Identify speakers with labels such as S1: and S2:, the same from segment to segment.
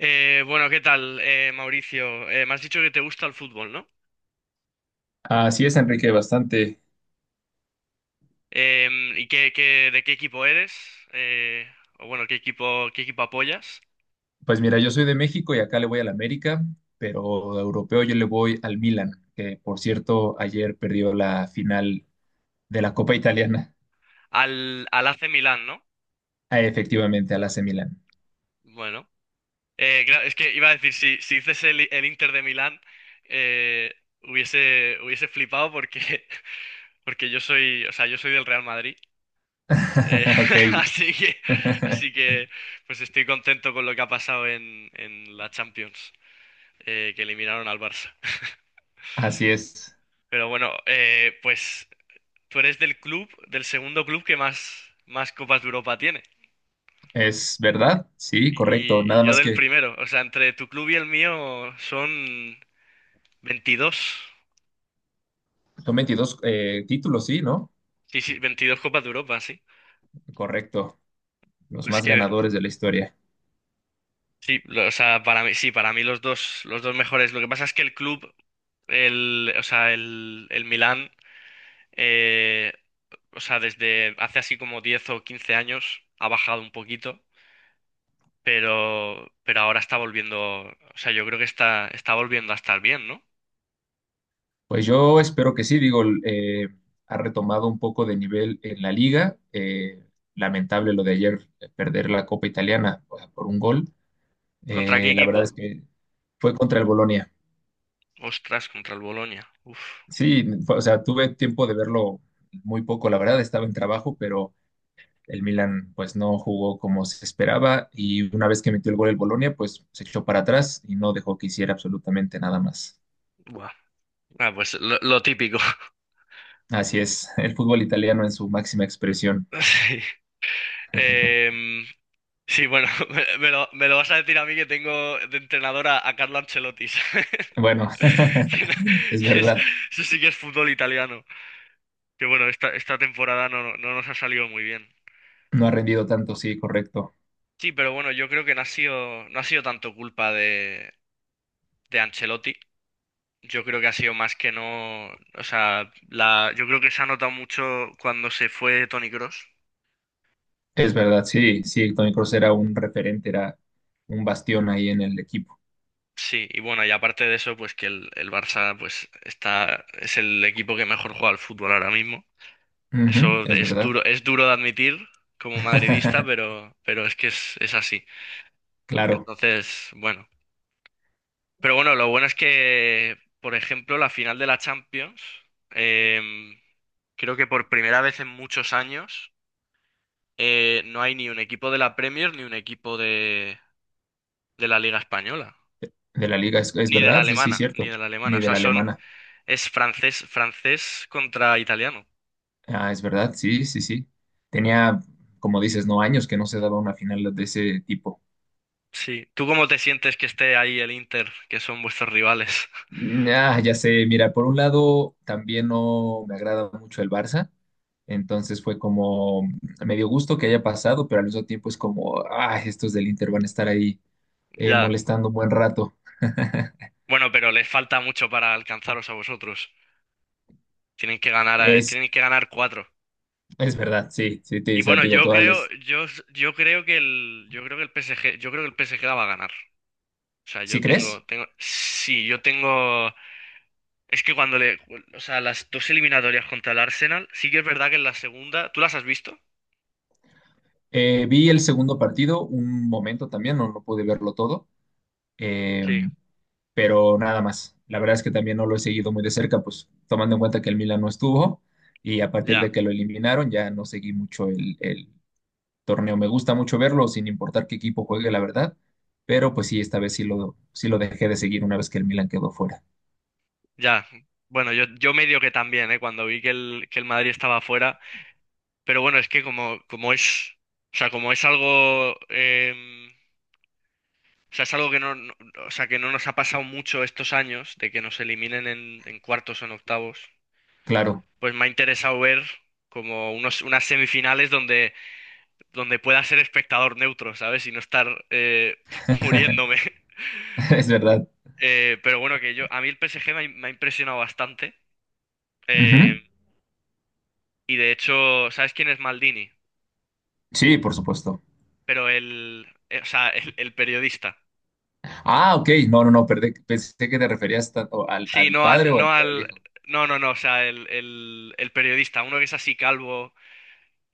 S1: Bueno, ¿qué tal, Mauricio? Me has dicho que te gusta el fútbol, ¿no?
S2: Así es, Enrique, bastante.
S1: ¿Y de qué equipo eres? Eh, o bueno, ¿Qué equipo apoyas?
S2: Pues mira, yo soy de México y acá le voy al América, pero de europeo yo le voy al Milan, que por cierto ayer perdió la final de la Copa Italiana.
S1: Al AC Milán, ¿no?
S2: Ah, efectivamente al AC Milan.
S1: Bueno, claro, es que iba a decir, si dices el Inter de Milán, eh, hubiese flipado porque, porque yo soy, o sea, yo soy del Real Madrid. Eh,
S2: Ok.
S1: así que, así que, pues estoy contento con lo que ha pasado en la Champions, que eliminaron al Barça.
S2: Así es.
S1: Pero bueno, pues tú eres del club, del segundo club que más Copas de Europa tiene.
S2: Es verdad, sí,
S1: Y,
S2: correcto.
S1: y- y
S2: Nada
S1: yo
S2: más
S1: del
S2: que
S1: primero. O sea, entre tu club y el mío son 22.
S2: son 22 títulos, sí, ¿no?
S1: Sí, 22 Copas de Europa, sí.
S2: Correcto, los
S1: Pues
S2: más
S1: que,
S2: ganadores de la historia.
S1: sí, o sea, para mí, sí, para mí los dos mejores. Lo que pasa es que el club, o sea, el Milán, eh, o sea, desde hace así como 10 o 15 años ha bajado un poquito. Pero ahora está volviendo, o sea, yo creo que está volviendo a estar bien, ¿no?
S2: Pues yo espero que sí, digo, ha retomado un poco de nivel en la liga. Lamentable lo de ayer perder la Copa Italiana, o sea, por un gol.
S1: ¿Contra qué
S2: La
S1: equipo?
S2: verdad es que fue contra el Bolonia.
S1: Ostras, contra el Bolonia. Uf,
S2: Sí, o sea, tuve tiempo de verlo muy poco, la verdad, estaba en trabajo, pero el Milan pues no jugó como se esperaba y una vez que metió el gol el Bolonia, pues se echó para atrás y no dejó que hiciera absolutamente nada más.
S1: buah. Ah, pues lo típico.
S2: Así es, el fútbol italiano en su máxima expresión.
S1: Sí. Em, sí, bueno, me lo vas a decir a mí que tengo de entrenadora a Carlo Ancelotti, ¿sabes?
S2: Bueno,
S1: Que no-
S2: es
S1: que es-
S2: verdad,
S1: Eso sí que es fútbol italiano. Que bueno, esta temporada no, no nos ha salido muy bien.
S2: no ha rendido tanto, sí, correcto.
S1: Sí, pero bueno, yo creo que no ha sido tanto culpa de Ancelotti. Yo creo que ha sido más que no, o sea, yo creo que se ha notado mucho cuando se fue Toni Kroos.
S2: Es verdad, sí, sí, Tony Kroos era un referente, era un bastión ahí en el equipo.
S1: Sí, y bueno, y aparte de eso, pues que el Barça, es el equipo que mejor juega al fútbol ahora mismo.
S2: Ujú,
S1: Eso
S2: es verdad.
S1: es duro de admitir como madridista, pero es que es así.
S2: Claro,
S1: Entonces, bueno. Pero bueno, lo bueno es que, por ejemplo, la final de la Champions, em, creo que por primera vez en muchos años. No hay ni un equipo de la Premier, ni un equipo de la Liga Española,
S2: de la liga, es
S1: ni de la
S2: verdad, sí, sí,
S1: alemana, ni
S2: cierto,
S1: de la alemana. O
S2: ni de
S1: sea,
S2: la alemana.
S1: es francés, francés contra italiano.
S2: Ah, es verdad, sí, sí, sí. Tenía, como dices, no años que no se daba una final de ese tipo.
S1: Sí. ¿Tú cómo te sientes que esté ahí el Inter, que son vuestros rivales?
S2: Ah, ya sé, mira, por un lado también no me agrada mucho el Barça, entonces fue como me dio gusto que haya pasado, pero al mismo tiempo es como, ah, estos del Inter van a estar ahí
S1: Ya.
S2: molestando un buen rato.
S1: Bueno, pero les falta mucho para alcanzaros a vosotros.
S2: Es,
S1: Tienen que ganar cuatro.
S2: es verdad, sí, sí,
S1: Y
S2: o sea,
S1: bueno,
S2: digo, todas las...
S1: yo creo que el PSG la va a ganar. O sea,
S2: ¿Sí
S1: yo tengo,
S2: crees?
S1: sí, yo tengo. Es que cuando le. O sea, las dos eliminatorias contra el Arsenal, sí que es verdad que en la segunda. ¿Tú las has visto?
S2: Vi el segundo partido un momento también, no, no pude verlo todo, Eh,
S1: Sí,
S2: pero nada más. La verdad es que también no lo he seguido muy de cerca, pues tomando en cuenta que el Milan no estuvo y a partir de
S1: ya,
S2: que lo eliminaron ya no seguí mucho el torneo. Me gusta mucho verlo sin importar qué equipo juegue, la verdad, pero pues sí, esta vez sí lo dejé de seguir una vez que el Milan quedó fuera.
S1: ya. Bueno, yo medio que también, ¿eh? Cuando vi que el Madrid estaba fuera. Pero bueno, es que como es. O sea, como es algo. O sea, es algo que o sea, que no nos ha pasado mucho estos años, de que nos eliminen en cuartos o en octavos.
S2: Claro,
S1: Pues me ha interesado ver como unas semifinales donde pueda ser espectador neutro, ¿sabes? Y no estar, muriéndome.
S2: es verdad.
S1: Pero bueno, que yo, a mí el PSG me ha impresionado bastante. eh,
S2: Ujú.
S1: y de hecho, ¿sabes quién es Maldini?
S2: Sí, por supuesto.
S1: Pero o sea, el periodista.
S2: Ah, ok, no, no, no, perdí. Pensé que te referías tanto al,
S1: Sí,
S2: al
S1: no
S2: padre
S1: al,
S2: o al,
S1: no
S2: al
S1: al,
S2: hijo.
S1: no, no, no, o sea, el periodista, uno que es así calvo,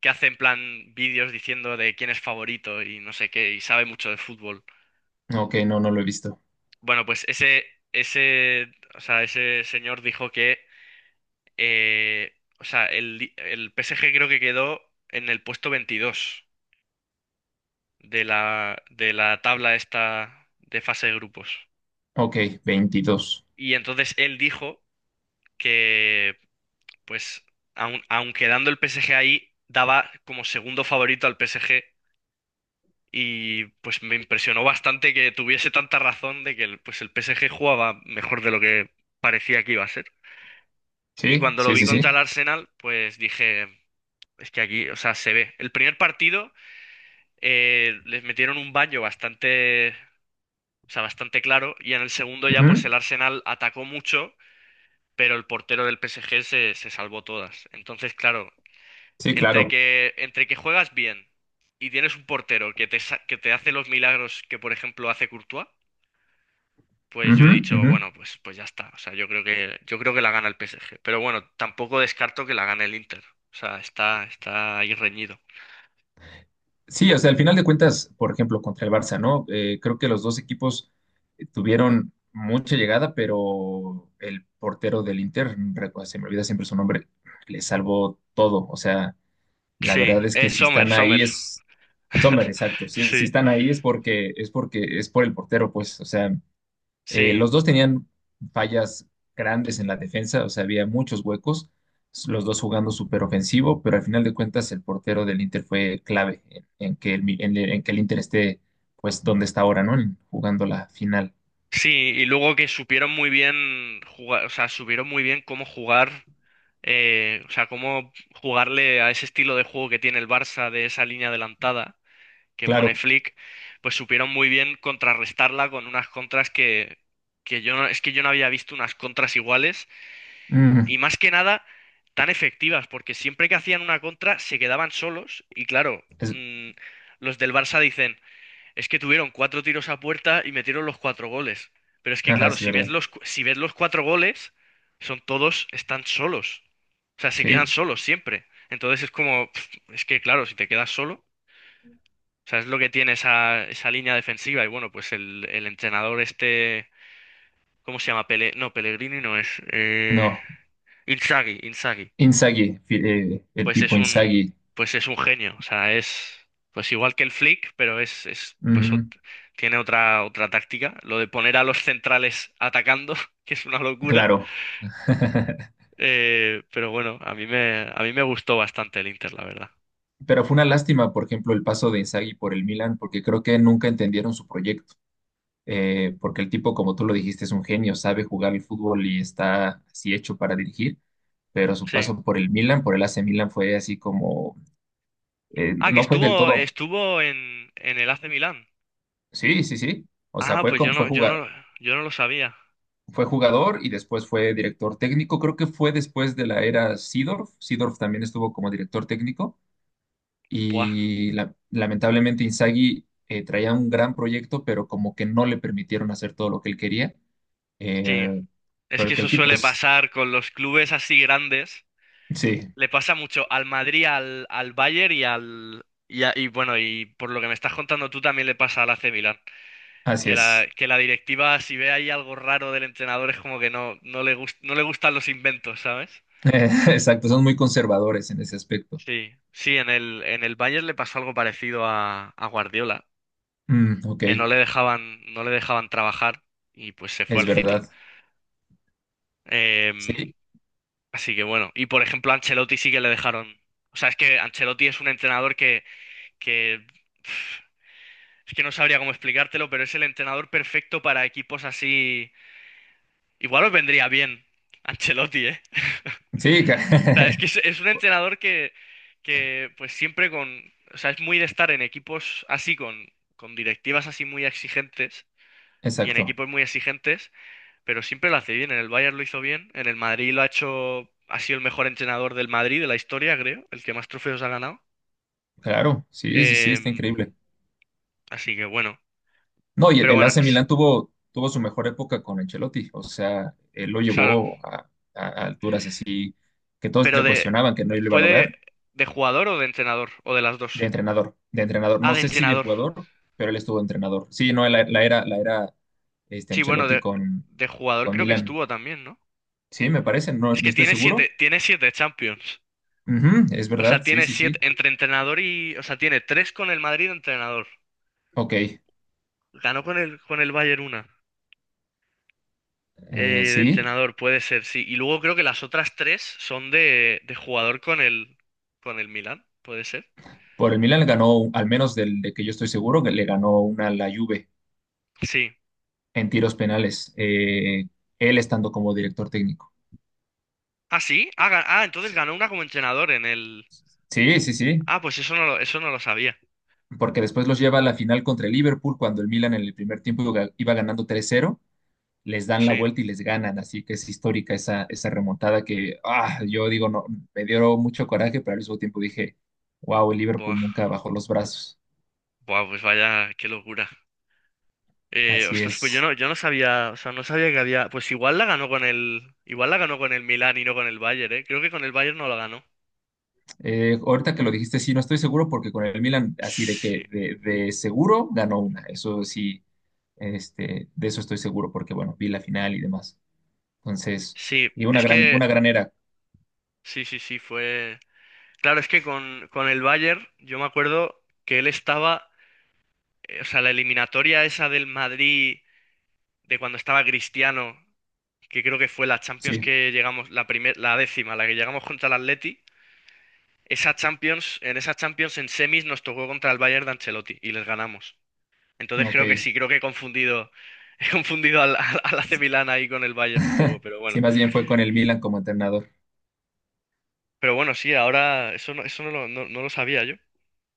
S1: que hace en plan vídeos diciendo de quién es favorito y no sé qué, y sabe mucho de fútbol.
S2: Ok, no, no lo he visto.
S1: Bueno, pues ese, o sea, ese señor dijo que. Eh, o sea, el PSG creo que quedó en el puesto 22 de la tabla esta de fase de grupos.
S2: Ok, 22.
S1: Y entonces él dijo que, pues, aun quedando el PSG ahí, daba como segundo favorito al PSG. Y pues me impresionó bastante que tuviese tanta razón de que pues, el PSG jugaba mejor de lo que parecía que iba a ser. Y
S2: Sí,
S1: cuando lo
S2: sí,
S1: vi
S2: sí,
S1: contra
S2: sí.
S1: el Arsenal, pues dije, es que aquí, o sea, se ve. El primer partido. Les metieron un baño bastante, o sea, bastante claro y en el segundo ya pues
S2: Ujú,
S1: el Arsenal atacó mucho, pero el portero del PSG se salvó todas. Entonces, claro,
S2: sí,
S1: entre
S2: claro.
S1: que, entre que juegas bien y tienes un portero que que te hace los milagros que, por ejemplo, hace Courtois, pues yo
S2: Ujú,
S1: he dicho,
S2: ujú.
S1: bueno, pues ya está. O sea, yo creo que la gana el PSG. Pero bueno, tampoco descarto que la gane el Inter. O sea, está ahí reñido.
S2: Sí, o sea, al final de cuentas, por ejemplo, contra el Barça, ¿no? Creo que los dos equipos tuvieron mucha llegada, pero el portero del Inter, se me olvida siempre su nombre, le salvó todo. O sea, la
S1: Sí,
S2: verdad es que si
S1: Sommer,
S2: están
S1: Sommer.
S2: ahí es Sommer, exacto. Si
S1: Sí,
S2: están ahí es por el portero, pues. O sea.
S1: sí.
S2: Los dos tenían fallas grandes en la defensa, o sea, había muchos huecos, los dos jugando súper ofensivo, pero al final de cuentas el portero del Inter fue clave en que el Inter esté, pues, donde está ahora, ¿no? Jugando la final.
S1: Sí, y luego que supieron muy bien jugar, o sea, supieron muy bien cómo jugar, o sea, cómo jugarle a ese estilo de juego que tiene el Barça de esa línea adelantada que pone
S2: Claro.
S1: Flick, pues supieron muy bien contrarrestarla con unas contras que yo no, es que yo no había visto unas contras iguales
S2: Mm,
S1: y más que nada tan efectivas, porque siempre que hacían una contra se quedaban solos y claro,
S2: es,
S1: los del Barça dicen es que tuvieron cuatro tiros a puerta y metieron los cuatro goles. Pero es que,
S2: ajá,
S1: claro,
S2: es verdad.
S1: si ves los cuatro goles, son todos, están solos. O sea, se quedan
S2: Sí.
S1: solos siempre. Entonces es como, pf, es que, claro, si te quedas solo, o sea, es lo que tiene esa línea defensiva. Y bueno, pues el entrenador este, ¿cómo se llama? Pele, no, Pellegrini no es.
S2: No.
S1: Inzaghi, Inzaghi.
S2: Inzaghi, el
S1: pues es
S2: Pipo
S1: un,
S2: Inzaghi.
S1: pues es un genio. O sea, es pues igual que el Flick, pero es pues
S2: Ujú,
S1: tiene otra táctica. Lo de poner a los centrales atacando, que es una locura.
S2: claro.
S1: Pero bueno, a mí me gustó bastante el Inter, la verdad.
S2: Pero fue una lástima, por ejemplo, el paso de Inzaghi por el Milan, porque creo que nunca entendieron su proyecto. Porque el tipo, como tú lo dijiste, es un genio, sabe jugar el fútbol y está así hecho para dirigir, pero su
S1: Sí.
S2: paso por el Milan, por el AC Milan, fue así como,
S1: Ah, que
S2: no fue del
S1: estuvo,
S2: todo,
S1: estuvo en el AC Milán.
S2: sí, sí, sí, o sea.
S1: Ah, pues yo no lo sabía.
S2: Fue jugador y después fue director técnico. Creo que fue después de la era Seedorf. Seedorf también estuvo como director técnico.
S1: Buah,
S2: Y lamentablemente Inzaghi traía un gran proyecto, pero como que no le permitieron hacer todo lo que él quería. Eh,
S1: sí. Es
S2: pero
S1: que eso
S2: el tipo
S1: suele
S2: es,
S1: pasar con los clubes así grandes.
S2: sí.
S1: Le pasa mucho al Madrid, al Bayern y Y bueno, y por lo que me estás contando tú también le pasa al AC Milan.
S2: Así
S1: Que la,
S2: es.
S1: que la directiva, si ve ahí algo raro del entrenador, es como que no, no le gustan los inventos, ¿sabes?
S2: Exacto, son muy conservadores en ese aspecto.
S1: Sí, sí, en el Bayern le pasó algo parecido a Guardiola,
S2: Mm, ok,
S1: que no le dejaban trabajar y pues se fue
S2: es
S1: al City.
S2: verdad.
S1: Em,
S2: Sí,
S1: así que bueno, y por ejemplo a Ancelotti sí que le dejaron. O sea, es que Ancelotti es un entrenador que. Es que no sabría cómo explicártelo, pero es el entrenador perfecto para equipos así. Igual os vendría bien Ancelotti, ¿eh?
S2: sí,
S1: O sea, es que es un entrenador que, pues siempre con. O sea, es muy de estar en equipos así, con directivas así muy exigentes y en
S2: exacto.
S1: equipos muy exigentes, pero siempre lo hace bien. En el Bayern lo hizo bien, en el Madrid lo ha hecho. Ha sido el mejor entrenador del Madrid de la historia, creo, el que más trofeos ha ganado.
S2: Claro, sí, sí, sí, está
S1: Em,
S2: increíble.
S1: así que bueno,
S2: No, y el,
S1: pero
S2: el
S1: bueno,
S2: AC Milan tuvo su mejor época con Ancelotti. O sea, él lo
S1: claro,
S2: llevó a alturas así que todos
S1: pero
S2: le
S1: de.
S2: cuestionaban que no lo iba a
S1: ¿Fue de,
S2: lograr.
S1: de jugador o de entrenador? ¿O de las dos?
S2: De entrenador, de entrenador.
S1: Ah,
S2: No
S1: de
S2: sé si de
S1: entrenador.
S2: jugador, pero él estuvo de entrenador. Sí, no, la era
S1: Sí, bueno,
S2: Ancelotti
S1: de,
S2: con,
S1: de jugador
S2: con
S1: creo que
S2: Milan.
S1: estuvo también, ¿no?
S2: Sí, me parece, no,
S1: Es
S2: no
S1: que
S2: estoy
S1: tiene siete,
S2: seguro.
S1: tiene siete Champions.
S2: Ujú, es
S1: O sea,
S2: verdad, sí,
S1: tiene
S2: sí,
S1: siete
S2: sí.
S1: entre entrenador y. O sea, tiene tres con el Madrid de entrenador.
S2: Ok,
S1: Ganó con el Bayern una. eh, de
S2: sí.
S1: entrenador, puede ser, sí. Y luego creo que las otras tres son de jugador con el Milan, puede ser.
S2: Por el Milan le ganó, al menos de que yo estoy seguro, que le ganó una a la Juve
S1: Sí.
S2: en tiros penales, él estando como director técnico.
S1: Ah, sí. Ah, entonces ganó una como entrenador en el.
S2: Sí, sí, sí.
S1: Ah, pues eso no lo sabía.
S2: Porque después los lleva a la final contra el Liverpool cuando el Milan en el primer tiempo iba ganando 3-0, les dan la
S1: Sí.
S2: vuelta y les ganan. Así que es histórica esa remontada que yo digo, no, me dio mucho coraje, pero al mismo tiempo dije, wow, el Liverpool
S1: Buah.
S2: nunca bajó los brazos.
S1: Buah, pues vaya, qué locura. Eh,
S2: Así
S1: ostras, pues
S2: es.
S1: yo no sabía, o sea, no sabía que había. Pues igual la ganó con el. Igual la ganó con el Milan y no con el Bayern, ¿eh? Creo que con el Bayern no la ganó.
S2: Ahorita que lo dijiste, sí, no estoy seguro porque con el Milan, así de
S1: Sí,
S2: que de seguro ganó una. Eso sí, de eso estoy seguro porque, bueno, vi la final y demás. Entonces,
S1: sí,
S2: y una
S1: es
S2: gran,
S1: que.
S2: una gran era.
S1: Sí, sí, sí, fue. Claro, es que con el Bayern, yo me acuerdo que él estaba. O sea, la eliminatoria esa del Madrid, de cuando estaba Cristiano, que creo que fue la Champions
S2: Sí,
S1: que llegamos, la primer, la décima, la que llegamos contra el Atleti. En esa Champions en semis nos tocó contra el Bayern de Ancelotti y les ganamos. Entonces
S2: ok.
S1: creo que sí, creo que he confundido al AC Milan ahí con el Bayern un poco, pero
S2: Sí,
S1: bueno.
S2: más bien fue con el Milan como entrenador.
S1: Pero bueno, sí, ahora eso no lo, no, no lo sabía yo.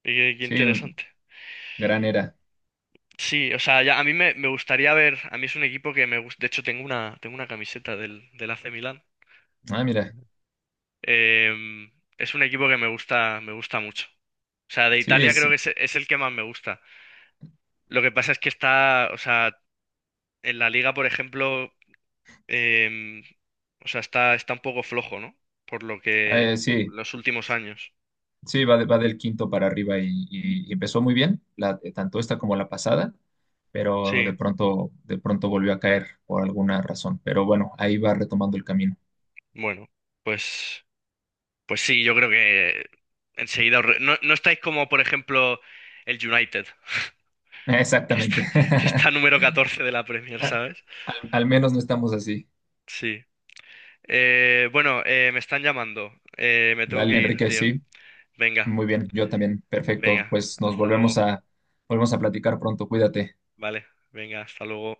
S1: Y qué
S2: Sí,
S1: interesante.
S2: gran era.
S1: Sí, o sea, ya, me gustaría ver, a mí es un equipo que me gusta, de hecho tengo una camiseta del AC Milan.
S2: Ah, mira.
S1: Em, es un equipo que me gusta mucho. O sea, de
S2: Sí,
S1: Italia creo que es el que más me gusta. Lo que pasa es que está, o sea, en la liga, por ejemplo, em, o sea, está un poco flojo, ¿no? Por lo que
S2: sí.
S1: los últimos años.
S2: Sí, va del quinto para arriba y empezó muy bien, tanto esta como la pasada, pero
S1: Sí,
S2: de pronto volvió a caer por alguna razón. Pero bueno, ahí va retomando el camino.
S1: bueno, pues, pues sí, yo creo que No, no estáis como, por ejemplo, el United, que está,
S2: Exactamente.
S1: que está número 14 de la Premier, ¿sabes?
S2: Al menos no estamos así.
S1: Sí. Bueno, me están llamando. Me tengo
S2: Dale,
S1: que ir,
S2: Enrique,
S1: tío.
S2: sí.
S1: Venga,
S2: Muy bien, yo también. Perfecto.
S1: venga,
S2: Pues nos
S1: hasta luego.
S2: volvemos a platicar pronto. Cuídate.
S1: Vale, venga, hasta luego.